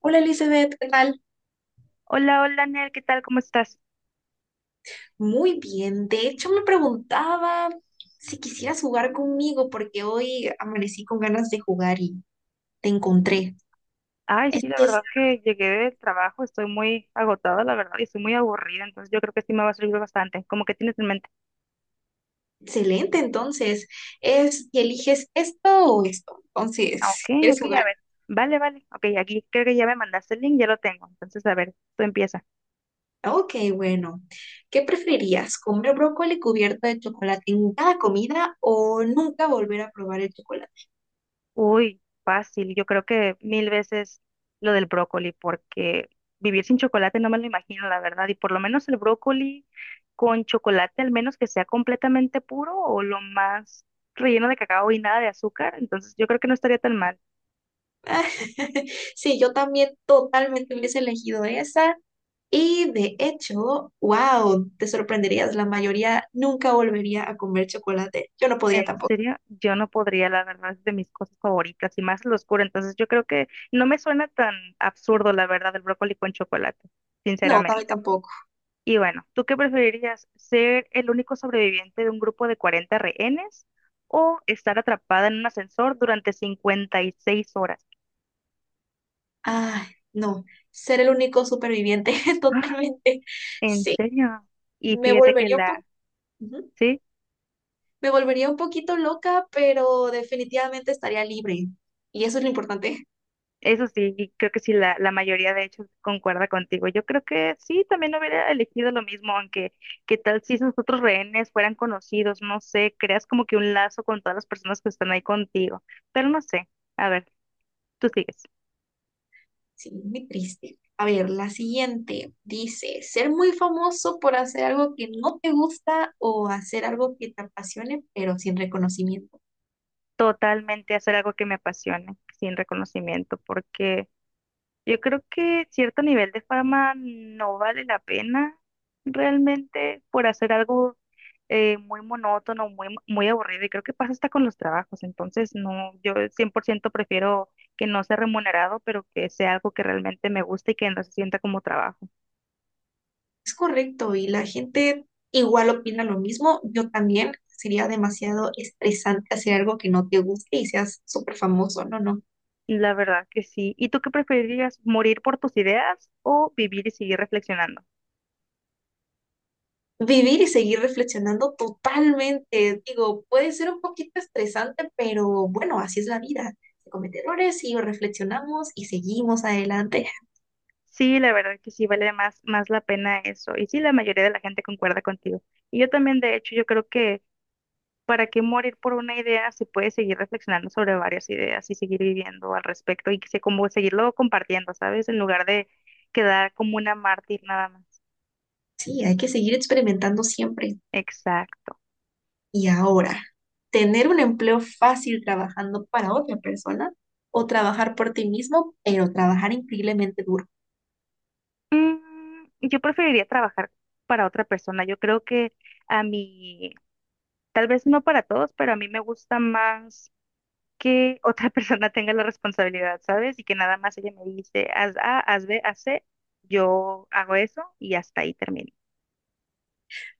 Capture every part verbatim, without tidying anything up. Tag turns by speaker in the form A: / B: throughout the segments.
A: Hola Elizabeth, ¿qué tal?
B: Hola, hola, Ner, ¿qué tal? ¿Cómo estás?
A: Muy bien, de hecho me preguntaba si quisieras jugar conmigo porque hoy amanecí con ganas de jugar y te encontré.
B: Ay, sí,
A: Esto
B: la
A: es
B: verdad que llegué del trabajo, estoy muy agotada, la verdad, y estoy muy aburrida, entonces yo creo que sí me va a servir bastante. ¿Como que tienes en mente?
A: excelente, entonces, es que eliges esto o esto.
B: Ah,
A: Entonces,
B: ok,
A: ¿quieres
B: ok, a
A: jugar?
B: ver. Vale, vale. Ok, aquí creo que ya me mandaste el link, ya lo tengo. Entonces, a ver, tú empieza.
A: Ok, bueno, ¿qué preferirías? ¿Comer brócoli cubierto de chocolate en cada comida o nunca volver a probar el chocolate?
B: Uy, fácil. Yo creo que mil veces lo del brócoli, porque vivir sin chocolate no me lo imagino, la verdad. Y por lo menos el brócoli con chocolate, al menos que sea completamente puro o lo más relleno de cacao y nada de azúcar. Entonces yo creo que no estaría tan mal.
A: Sí, yo también totalmente hubiese elegido esa. Y de hecho, wow, te sorprenderías, la mayoría nunca volvería a comer chocolate. Yo no
B: En
A: podría tampoco.
B: serio, yo no podría, la verdad, es de mis cosas favoritas y más lo oscuro. Entonces yo creo que no me suena tan absurdo, la verdad, el brócoli con chocolate,
A: No, también
B: sinceramente.
A: tampoco.
B: Y bueno, ¿tú qué preferirías? ¿Ser el único sobreviviente de un grupo de cuarenta rehenes o estar atrapada en un ascensor durante cincuenta y seis horas?
A: Ay, no, ser el único superviviente,
B: Ah,
A: totalmente.
B: ¿en
A: Sí,
B: serio? Y
A: me
B: fíjate que
A: volvería un po-
B: la,
A: ujú.
B: sí,
A: Me volvería un poquito loca, pero definitivamente estaría libre. Y eso es lo importante.
B: eso sí, y creo que sí, la, la mayoría de hecho concuerda contigo. Yo creo que sí, también hubiera elegido lo mismo, aunque qué tal si esos otros rehenes fueran conocidos, no sé, creas como que un lazo con todas las personas que están ahí contigo, pero no sé, a ver, tú sigues.
A: Sí, muy triste. A ver, la siguiente dice, ser muy famoso por hacer algo que no te gusta o hacer algo que te apasione, pero sin reconocimiento.
B: Totalmente hacer algo que me apasione, sin reconocimiento, porque yo creo que cierto nivel de fama no vale la pena realmente por hacer algo eh, muy monótono, muy, muy aburrido, y creo que pasa hasta con los trabajos, entonces no, yo cien por ciento prefiero que no sea remunerado, pero que sea algo que realmente me guste y que no se sienta como trabajo.
A: Es correcto, y la gente igual opina lo mismo. Yo también sería demasiado estresante hacer algo que no te guste y seas súper famoso. No, no.
B: La verdad que sí. ¿Y tú qué preferirías, morir por tus ideas o vivir y seguir reflexionando?
A: Vivir y seguir reflexionando totalmente. Digo, puede ser un poquito estresante, pero bueno, así es la vida. Se comete errores y reflexionamos y seguimos adelante.
B: Sí, la verdad que sí vale más, más la pena eso. Y sí, la mayoría de la gente concuerda contigo. Y yo también, de hecho, yo creo que para qué morir por una idea se puede seguir reflexionando sobre varias ideas y seguir viviendo al respecto y que se, como seguirlo compartiendo, ¿sabes? En lugar de quedar como una mártir nada más.
A: Sí, hay que seguir experimentando siempre.
B: Exacto.
A: Y ahora, ¿tener un empleo fácil trabajando para otra persona o trabajar por ti mismo, pero trabajar increíblemente duro?
B: Mm, yo preferiría trabajar para otra persona. Yo creo que a mí, tal vez no para todos, pero a mí me gusta más que otra persona tenga la responsabilidad, ¿sabes? Y que nada más ella me dice, haz A, haz B, haz C, yo hago eso y hasta ahí termino.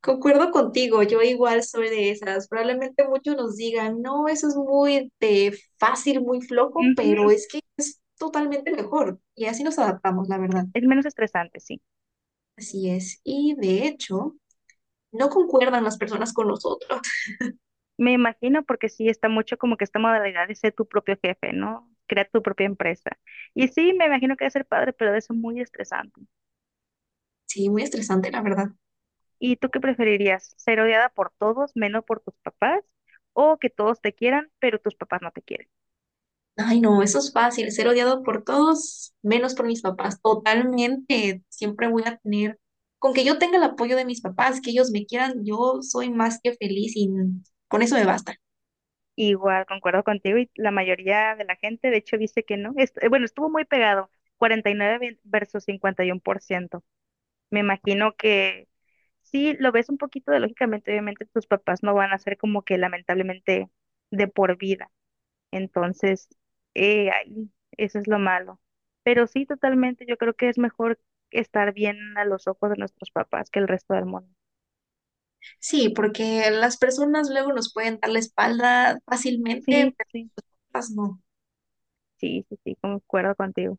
A: Concuerdo contigo, yo igual soy de esas. Probablemente muchos nos digan, no, eso es muy de fácil, muy flojo,
B: Ujú,
A: pero
B: ujú.
A: es que totalmente mejor. Y así nos adaptamos, la verdad.
B: Es menos estresante, sí.
A: Así es. Y de hecho, no concuerdan las personas con nosotros.
B: Me imagino porque sí está mucho como que esta modalidad de ser tu propio jefe, ¿no? Crear tu propia empresa. Y sí, me imagino que debe ser padre, pero debe ser muy estresante.
A: Sí, muy estresante, la verdad.
B: ¿Y tú qué preferirías? ¿Ser odiada por todos, menos por tus papás? ¿O que todos te quieran, pero tus papás no te quieran?
A: Ay, no, eso es fácil, ser odiado por todos, menos por mis papás, totalmente. Siempre voy a tener, con que yo tenga el apoyo de mis papás, que ellos me quieran, yo soy más que feliz y con eso me basta.
B: Igual, concuerdo contigo y la mayoría de la gente, de hecho, dice que no. Est- eh, bueno, estuvo muy pegado, cuarenta y nueve ve- versus cincuenta y uno por ciento. Me imagino que sí, lo ves un poquito de lógicamente, obviamente tus papás no van a ser como que lamentablemente de por vida. Entonces, eh, ay, eso es lo malo. Pero sí, totalmente, yo creo que es mejor estar bien a los ojos de nuestros papás que el resto del mundo.
A: Sí, porque las personas luego nos pueden dar la espalda
B: Sí,
A: fácilmente, pero
B: sí,
A: las no.
B: sí, sí, sí, concuerdo contigo.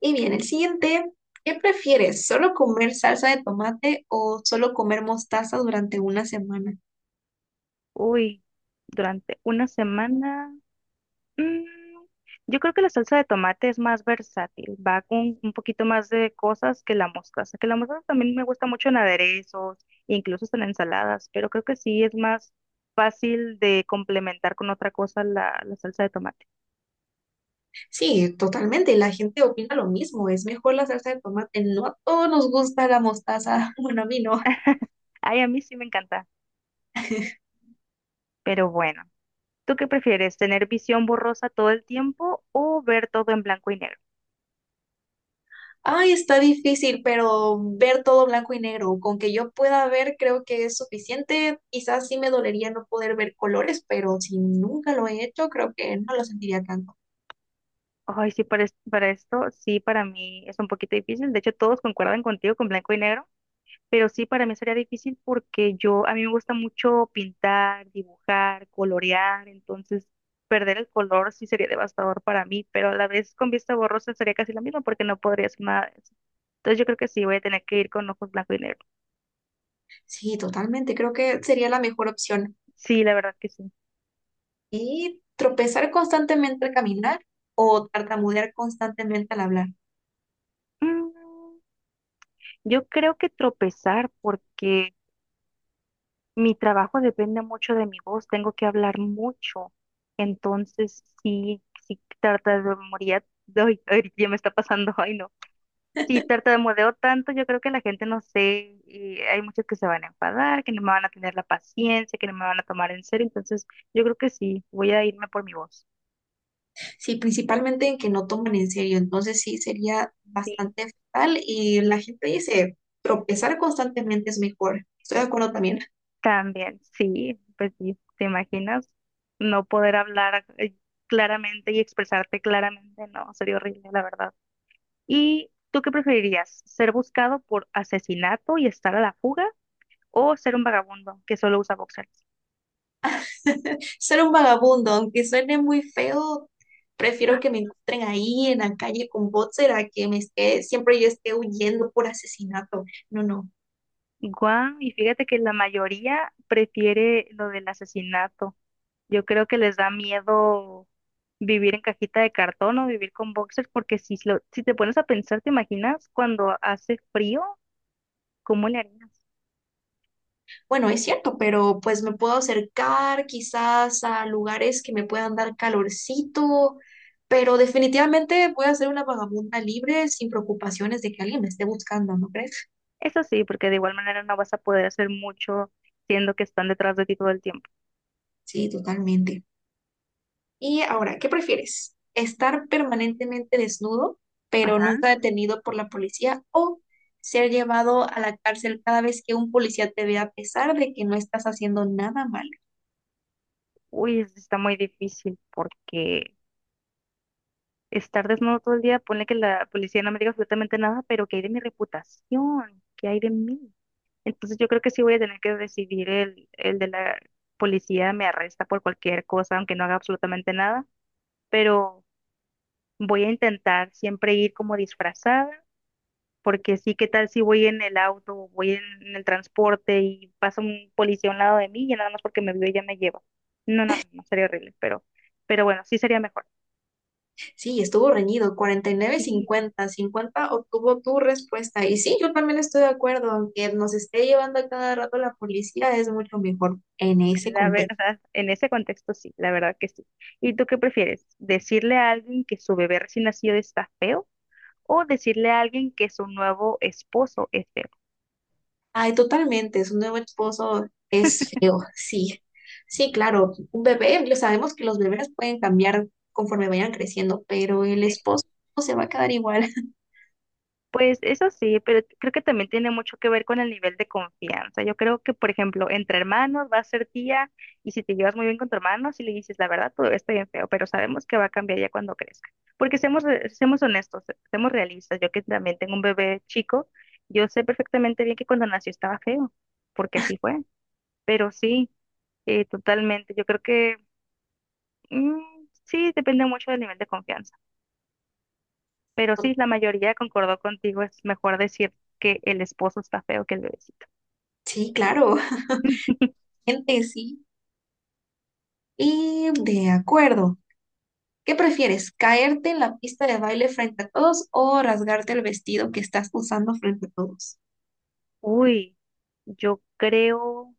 A: Y bien, el siguiente, ¿qué prefieres? ¿Solo comer salsa de tomate o solo comer mostaza durante una semana?
B: Uy, durante una semana. Mm, Yo creo que la salsa de tomate es más versátil, va con un poquito más de cosas que la mostaza, que la mostaza también me gusta mucho en aderezos, incluso hasta en ensaladas, pero creo que sí es más fácil de complementar con otra cosa la, la salsa de tomate.
A: Sí, totalmente. La gente opina lo mismo. Es mejor la salsa de tomate. No a todos nos gusta la mostaza. Bueno, a mí no.
B: Ay, a mí sí me encanta, pero bueno, ¿tú qué prefieres? ¿Tener visión borrosa todo el tiempo o ver todo en blanco y negro?
A: Ay, está difícil, pero ver todo blanco y negro. Con que yo pueda ver, creo que es suficiente. Quizás sí me dolería no poder ver colores, pero si nunca lo he hecho, creo que no lo sentiría tanto.
B: Ay, sí, para, es- para esto, sí, para mí es un poquito difícil. De hecho, todos concuerdan contigo con blanco y negro. Pero sí, para mí sería difícil porque yo, a mí me gusta mucho pintar, dibujar, colorear, entonces perder el color sí sería devastador para mí, pero a la vez con vista borrosa sería casi lo mismo porque no podría hacer nada de eso. Entonces yo creo que sí, voy a tener que ir con ojos blanco y negro.
A: Sí, totalmente. Creo que sería la mejor opción.
B: Sí, la verdad que sí.
A: Y tropezar constantemente al caminar o tartamudear constantemente al hablar.
B: Mm, yo creo que tropezar porque mi trabajo depende mucho de mi voz, tengo que hablar mucho, entonces sí, sí trata de trataría, ay, ay, ya me está pasando, ay no. Si tartamudeo tanto, yo creo que la gente no sé, y hay muchos que se van a enfadar, que no me van a tener la paciencia, que no me van a tomar en serio, entonces yo creo que sí, voy a irme por mi voz.
A: Sí, principalmente en que no toman en serio, entonces sí sería
B: Sí.
A: bastante fatal y la gente dice, tropezar constantemente es mejor. Estoy de acuerdo también.
B: También, sí, pues sí, ¿te imaginas no poder hablar eh, claramente y expresarte claramente? No, sería horrible, la verdad. ¿Y tú qué preferirías? ¿Ser buscado por asesinato y estar a la fuga o ser un vagabundo que solo usa boxers?
A: Ser un vagabundo, aunque suene muy feo, prefiero que me encuentren ahí en la calle con boxer a que me esté, siempre yo esté huyendo por asesinato. No, no.
B: Guau, y fíjate que la mayoría prefiere lo del asesinato. Yo creo que les da miedo vivir en cajita de cartón o vivir con boxers, porque si, lo- si te pones a pensar, ¿te imaginas cuando hace frío? ¿Cómo le harías?
A: Bueno, es cierto, pero pues me puedo acercar quizás a lugares que me puedan dar calorcito, pero definitivamente voy a ser una vagabunda libre sin preocupaciones de que alguien me esté buscando, ¿no crees?
B: Eso sí, porque de igual manera no vas a poder hacer mucho siendo que están detrás de ti todo el tiempo.
A: Sí, totalmente. Y ahora, ¿qué prefieres? ¿Estar permanentemente desnudo, pero
B: Ajá.
A: nunca detenido por la policía, o ser llevado a la cárcel cada vez que un policía te vea a pesar de que no estás haciendo nada malo?
B: Uy, eso está muy difícil porque estar desnudo todo el día, ponle que la policía no me diga absolutamente nada, pero ¿qué hay de mi reputación? ¿Qué hay de mí? Entonces yo creo que sí voy a tener que recibir el, el de la policía, me arresta por cualquier cosa, aunque no haga absolutamente nada, pero voy a intentar siempre ir como disfrazada, porque sí, ¿qué tal si voy en el auto o voy en, en el transporte y pasa un policía a un lado de mí y nada más porque me vio ya me lleva? No, no, no, no, sería horrible, pero, pero bueno, sí sería mejor.
A: Sí, estuvo reñido, Cuarenta y nueve,
B: Sí,
A: cincuenta, cincuenta. obtuvo tu respuesta. Y sí, yo también estoy de acuerdo, aunque nos esté llevando a cada rato la policía, es mucho mejor en ese
B: la
A: contexto.
B: verdad, en ese contexto sí, la verdad que sí. ¿Y tú qué prefieres? ¿Decirle a alguien que su bebé recién nacido está feo, o decirle a alguien que su nuevo esposo es feo?
A: Ay, totalmente, su nuevo esposo es feo, sí. Sí, claro, un bebé, lo sabemos que los bebés pueden cambiar conforme vayan creciendo, pero el esposo se va a quedar igual.
B: Pues eso sí, pero creo que también tiene mucho que ver con el nivel de confianza. Yo creo que, por ejemplo, entre hermanos va a ser tía y si te llevas muy bien con tu hermano, si le dices la verdad, todo está bien feo, pero sabemos que va a cambiar ya cuando crezca. Porque seamos, re- seamos honestos, seamos realistas. Yo que también tengo un bebé chico, yo sé perfectamente bien que cuando nació estaba feo, porque así fue. Pero sí, eh, totalmente. Yo creo que mm, sí, depende mucho del nivel de confianza. Pero sí, la mayoría concordó contigo, es mejor decir que el esposo está feo que el bebecito.
A: Sí, claro, gente, sí. Y de acuerdo. ¿Qué prefieres? ¿Caerte en la pista de baile frente a todos o rasgarte el vestido que estás usando frente a todos?
B: Uy, yo creo,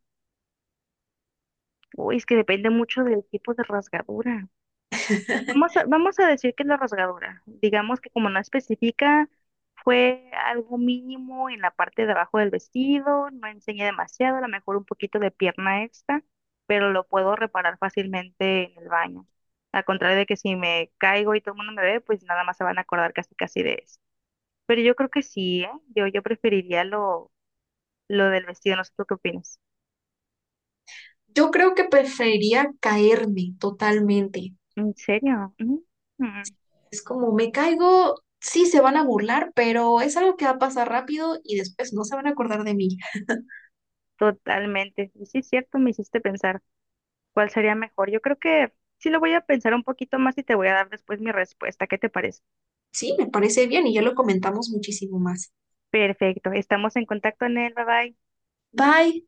B: uy, es que depende mucho del tipo de rasgadura. Vamos a, vamos a decir que es la rasgadura. Digamos que como no especifica, fue algo mínimo en la parte de abajo del vestido, no enseñé demasiado, a lo mejor un poquito de pierna extra, pero lo puedo reparar fácilmente en el baño. Al contrario de que si me caigo y todo el mundo me ve, pues nada más se van a acordar casi casi de eso. Pero yo creo que sí, ¿eh? Yo, yo preferiría lo, lo del vestido, no sé tú qué opinas.
A: Yo creo que preferiría caerme totalmente.
B: ¿En serio? Mm, mm,
A: Es como me caigo, sí se van a burlar, pero es algo que va a pasar rápido y después no se van a acordar de mí.
B: totalmente. Y sí, es cierto, me hiciste pensar cuál sería mejor. Yo creo que sí lo voy a pensar un poquito más y te voy a dar después mi respuesta. ¿Qué te parece?
A: Sí, me parece bien y ya lo comentamos muchísimo más.
B: Perfecto, estamos en contacto, Nel, bye bye.
A: Bye.